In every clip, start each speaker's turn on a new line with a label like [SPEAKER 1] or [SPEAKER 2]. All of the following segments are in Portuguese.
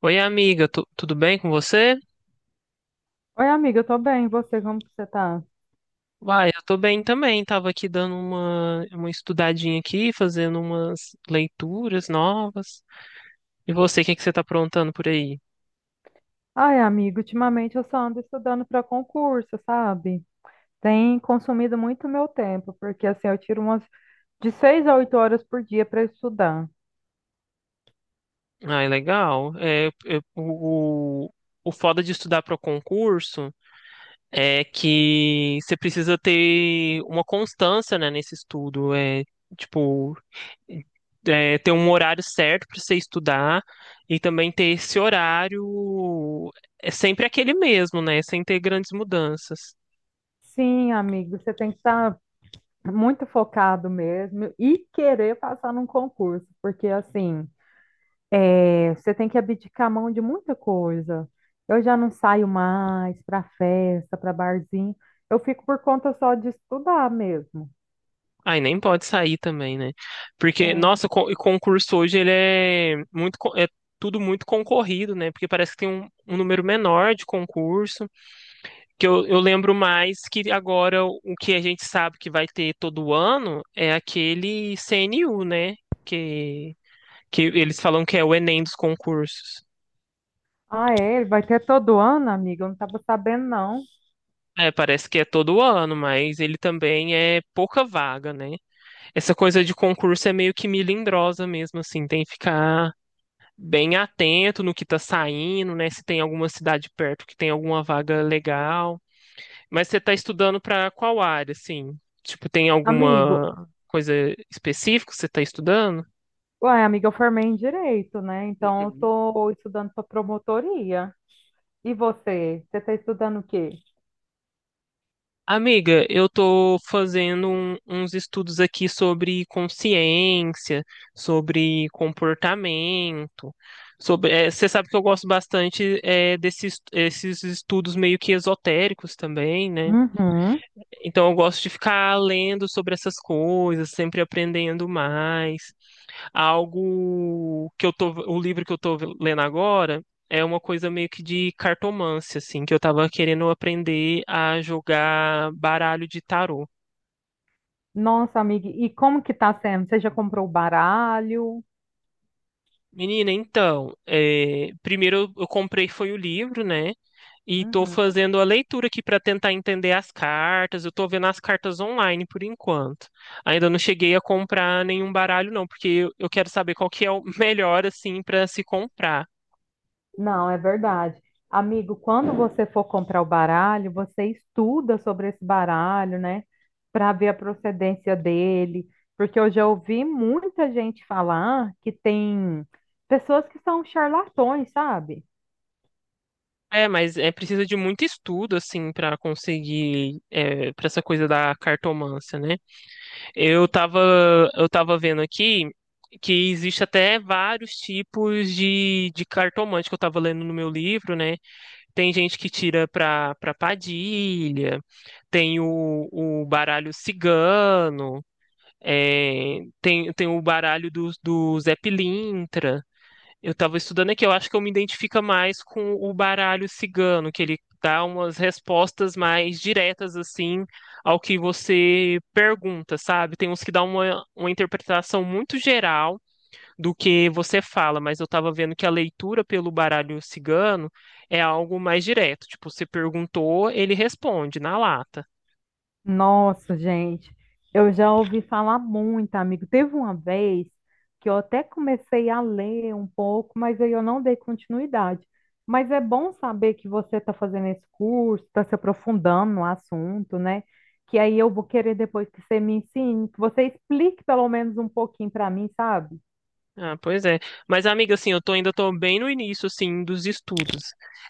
[SPEAKER 1] Oi, amiga, tudo bem com você?
[SPEAKER 2] Oi, amiga, eu tô bem. E você, como que você tá?
[SPEAKER 1] Uai, eu tô bem também. Tava aqui dando uma estudadinha aqui, fazendo umas leituras novas. E você, o que que você tá aprontando por aí?
[SPEAKER 2] Ai, amiga, ultimamente eu só ando estudando para concurso, sabe? Tem consumido muito meu tempo, porque assim, eu tiro umas de 6 a 8 horas por dia para estudar.
[SPEAKER 1] Ai, legal. O foda de estudar para concurso é que você precisa ter uma constância, né, nesse estudo. Tipo, Ter um horário certo para você estudar e também ter esse horário é sempre aquele mesmo, né? Sem ter grandes mudanças.
[SPEAKER 2] Sim, amigo, você tem que estar muito focado mesmo e querer passar num concurso, porque assim, você tem que abdicar a mão de muita coisa. Eu já não saio mais para festa, para barzinho. Eu fico por conta só de estudar mesmo.
[SPEAKER 1] Aí nem pode sair também, né? Porque,
[SPEAKER 2] É.
[SPEAKER 1] nossa, o concurso hoje ele é tudo muito concorrido, né? Porque parece que tem um número menor de concurso, que eu lembro mais que agora o que a gente sabe que vai ter todo ano é aquele CNU, né? Que, que eles falam que é o Enem dos concursos.
[SPEAKER 2] Ah, é? Ele vai ter todo ano, amiga? Eu não estava sabendo, não.
[SPEAKER 1] É, parece que é todo ano, mas ele também é pouca vaga, né? Essa coisa de concurso é meio que melindrosa mesmo, assim, tem que ficar bem atento no que tá saindo, né? Se tem alguma cidade perto que tem alguma vaga legal. Mas você tá estudando pra qual área, assim? Tipo, tem
[SPEAKER 2] Amigo,
[SPEAKER 1] alguma coisa específica que você tá estudando?
[SPEAKER 2] ué, amiga, eu formei em direito, né? Então, eu
[SPEAKER 1] Uhum.
[SPEAKER 2] tô estudando para promotoria. E você? Você está estudando o quê?
[SPEAKER 1] Amiga, eu tô fazendo uns estudos aqui sobre consciência, sobre comportamento, sobre, você sabe que eu gosto bastante desses esses estudos meio que esotéricos também, né?
[SPEAKER 2] Uhum.
[SPEAKER 1] Então eu gosto de ficar lendo sobre essas coisas, sempre aprendendo mais algo que eu tô, o livro que eu tô lendo agora é uma coisa meio que de cartomância, assim, que eu tava querendo aprender a jogar baralho de tarô.
[SPEAKER 2] Nossa, amiga, e como que tá sendo? Você já comprou o baralho?
[SPEAKER 1] Menina, então, é, primeiro eu comprei foi o livro, né? E tô
[SPEAKER 2] Uhum.
[SPEAKER 1] fazendo a leitura aqui para tentar entender as cartas. Eu tô vendo as cartas online por enquanto. Ainda não cheguei a comprar nenhum baralho, não, porque eu quero saber qual que é o melhor, assim, para se comprar.
[SPEAKER 2] Não, é verdade. Amigo, quando você for comprar o baralho, você estuda sobre esse baralho, né? Para ver a procedência dele. Porque eu já ouvi muita gente falar que tem pessoas que são charlatões, sabe?
[SPEAKER 1] É, mas é precisa de muito estudo, assim, para conseguir é, para essa coisa da cartomância, né? Eu tava, eu tava vendo aqui que existe até vários tipos de cartomante que eu tava lendo no meu livro, né? Tem gente que tira pra Padilha, tem o baralho cigano, é, tem o baralho do Zé Pilintra. Eu tava estudando aqui, eu acho que eu me identifico mais com o baralho cigano, que ele dá umas respostas mais diretas, assim, ao que você pergunta, sabe? Tem uns que dá uma interpretação muito geral do que você fala, mas eu tava vendo que a leitura pelo baralho cigano é algo mais direto. Tipo, você perguntou, ele responde na lata.
[SPEAKER 2] Nossa, gente, eu já ouvi falar muito, amigo. Teve uma vez que eu até comecei a ler um pouco, mas aí eu não dei continuidade. Mas é bom saber que você está fazendo esse curso, está se aprofundando no assunto, né? Que aí eu vou querer depois que você me ensine, que você explique pelo menos um pouquinho para mim, sabe?
[SPEAKER 1] Ah, pois é. Mas, amiga, assim, eu tô, ainda tô bem no início, assim, dos estudos.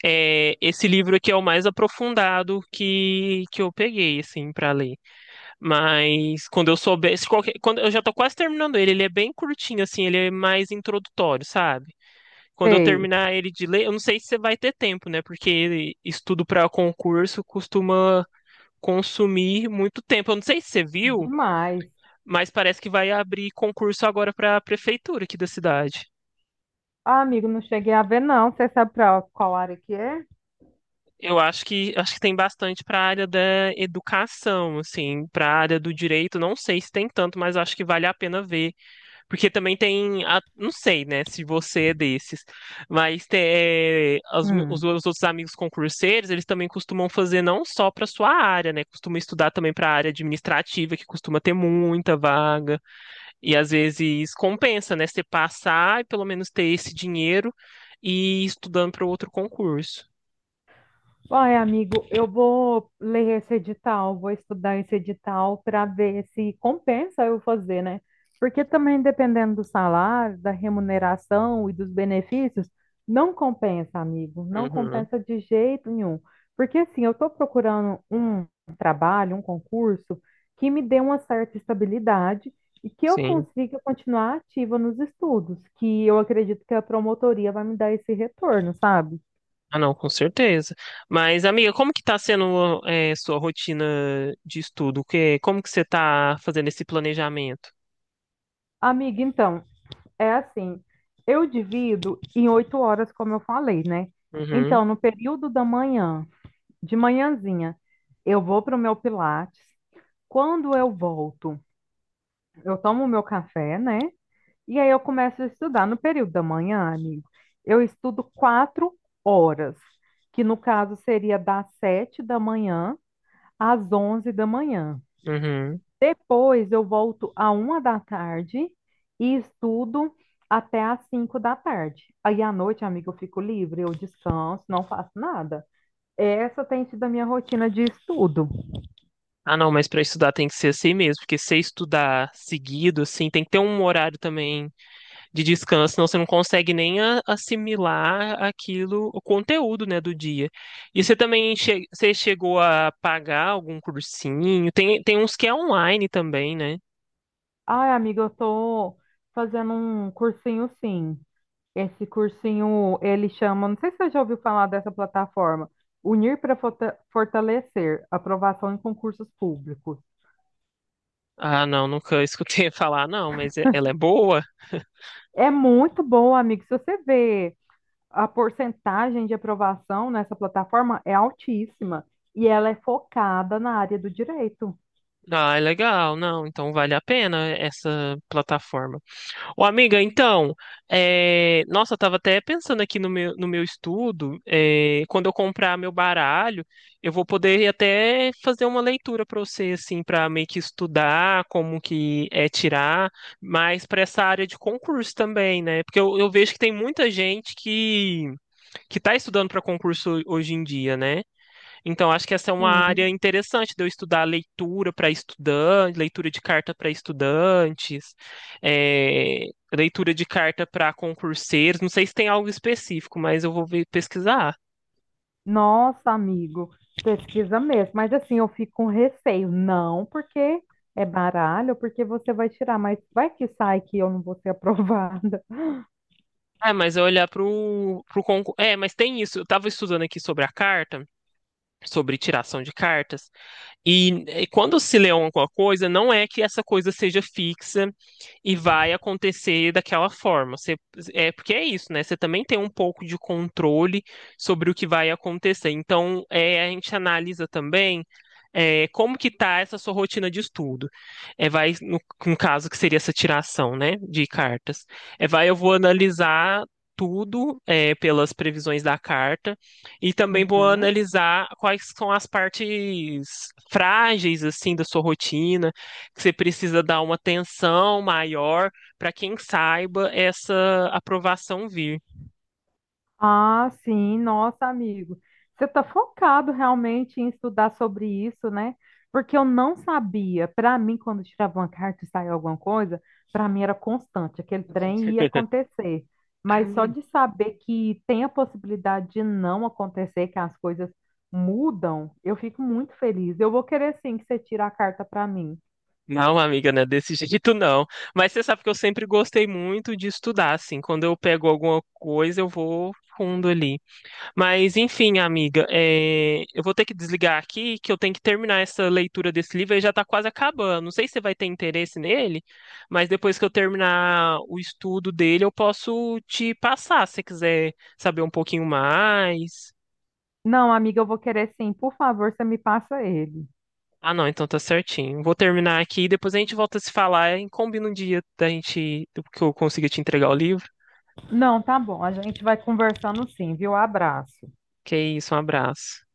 [SPEAKER 1] É, esse livro aqui é o mais aprofundado que eu peguei, assim, pra ler. Mas quando eu souber, se qualquer, quando eu já tô quase terminando ele, ele é bem curtinho, assim, ele é mais introdutório, sabe? Quando eu
[SPEAKER 2] Sei,
[SPEAKER 1] terminar ele de ler, eu não sei se você vai ter tempo, né? Porque estudo pra concurso costuma consumir muito tempo. Eu não sei se você viu,
[SPEAKER 2] demais.
[SPEAKER 1] mas parece que vai abrir concurso agora pra prefeitura aqui da cidade.
[SPEAKER 2] Ah, amigo, não cheguei a ver, não. Você sabe para qual área que é?
[SPEAKER 1] Eu acho que tem bastante para a área da educação, assim, para a área do direito, não sei se tem tanto, mas acho que vale a pena ver, porque também tem, não sei, né, se você é desses, mas
[SPEAKER 2] Hum.
[SPEAKER 1] meus outros amigos concurseiros, eles também costumam fazer não só para sua área, né, costumam estudar também para a área administrativa, que costuma ter muita vaga, e às vezes compensa, né, você passar e pelo menos ter esse dinheiro e ir estudando para outro concurso.
[SPEAKER 2] Ai, amigo, eu vou ler esse edital, vou estudar esse edital para ver se compensa eu fazer, né? Porque também dependendo do salário, da remuneração e dos benefícios, não compensa, amigo, não
[SPEAKER 1] Uhum,
[SPEAKER 2] compensa de jeito nenhum. Porque assim, eu estou procurando um trabalho, um concurso que me dê uma certa estabilidade e que eu
[SPEAKER 1] sim.
[SPEAKER 2] consiga continuar ativa nos estudos, que eu acredito que a promotoria vai me dar esse retorno, sabe?
[SPEAKER 1] Ah, não, com certeza. Mas, amiga, como que tá sendo é, sua rotina de estudo? Que, como que você tá fazendo esse planejamento?
[SPEAKER 2] Amiga, então, é assim, eu divido em 8 horas, como eu falei, né?
[SPEAKER 1] Uhum,
[SPEAKER 2] Então, no período da manhã, de manhãzinha, eu vou para o meu Pilates. Quando eu volto, eu tomo o meu café, né? E aí eu começo a estudar. No período da manhã, amigo, eu estudo 4 horas, que no caso seria das 7 da manhã às 11 da manhã.
[SPEAKER 1] uhum.
[SPEAKER 2] Depois eu volto à uma da tarde e estudo até às 5 da tarde. Aí à noite, amiga, eu fico livre, eu descanso, não faço nada. Essa tem sido a minha rotina de estudo.
[SPEAKER 1] Ah, não, mas para estudar tem que ser assim mesmo, porque se estudar seguido, assim, tem que ter um horário também de descanso, senão você não consegue nem assimilar aquilo, o conteúdo, né, do dia. E você também você chegou a pagar algum cursinho? Tem uns que é online também, né?
[SPEAKER 2] Ai, amiga, eu tô fazendo um cursinho, sim. Esse cursinho, ele chama, não sei se você já ouviu falar dessa plataforma, Unir para Forta- Fortalecer, Aprovação em Concursos Públicos.
[SPEAKER 1] Ah, não, nunca escutei falar, não, mas ela é boa?
[SPEAKER 2] É muito bom, amigo. Se você vê a porcentagem de aprovação nessa plataforma é altíssima e ela é focada na área do direito.
[SPEAKER 1] Ah, é legal, não, então vale a pena essa plataforma. Ô, amiga, então, é, nossa, eu tava até pensando aqui no no meu estudo, é, quando eu comprar meu baralho, eu vou poder até fazer uma leitura para você, assim, para meio que estudar como que é tirar, mas para essa área de concurso também, né? Porque eu vejo que tem muita gente que tá estudando para concurso hoje em dia, né? Então, acho que essa é uma área
[SPEAKER 2] Sim.
[SPEAKER 1] interessante de eu estudar leitura para estudantes, leitura de carta para estudantes, eh, leitura de carta para concurseiros. Não sei se tem algo específico, mas eu vou pesquisar.
[SPEAKER 2] Nossa, amigo, pesquisa mesmo. Mas assim, eu fico com receio. Não porque é baralho, porque você vai tirar, mas vai que sai que eu não vou ser aprovada.
[SPEAKER 1] Ah, mas eu olhar para o concurso. É, mas tem isso. Eu estava estudando aqui sobre a carta, sobre tiração de cartas, E, e quando se lê alguma coisa, não é que essa coisa seja fixa e vai acontecer daquela forma. É porque é isso, né? Você também tem um pouco de controle sobre o que vai acontecer. Então, é, a gente analisa também é, como que tá essa sua rotina de estudo. É, vai, no, no caso que seria essa tiração, né, de cartas. É, vai, eu vou analisar tudo é, pelas previsões da carta e também vou
[SPEAKER 2] Uhum.
[SPEAKER 1] analisar quais são as partes frágeis assim da sua rotina, que você precisa dar uma atenção maior para quem saiba essa aprovação vir.
[SPEAKER 2] Ah, sim, nossa, amigo. Você está focado realmente em estudar sobre isso, né? Porque eu não sabia. Para mim, quando tirava uma carta e saía alguma coisa, para mim era constante, aquele trem ia acontecer. Mas só de saber que tem a possibilidade de não acontecer, que as coisas mudam, eu fico muito feliz. Eu vou querer sim que você tire a carta para mim.
[SPEAKER 1] Não, amiga, não é desse jeito não. Mas você sabe que eu sempre gostei muito de estudar, assim, quando eu pego alguma coisa, eu vou fundo ali. Mas enfim, amiga, é, eu vou ter que desligar aqui, que eu tenho que terminar essa leitura desse livro, ele já está quase acabando. Não sei se você vai ter interesse nele, mas depois que eu terminar o estudo dele, eu posso te passar, se você quiser saber um pouquinho mais.
[SPEAKER 2] Não, amiga, eu vou querer sim. Por favor, você me passa ele.
[SPEAKER 1] Ah, não, então tá certinho. Vou terminar aqui e depois a gente volta a se falar e combina um dia da gente, que eu consiga te entregar o livro.
[SPEAKER 2] Não, tá bom. A gente vai conversando sim, viu? Abraço.
[SPEAKER 1] Que é isso, um abraço.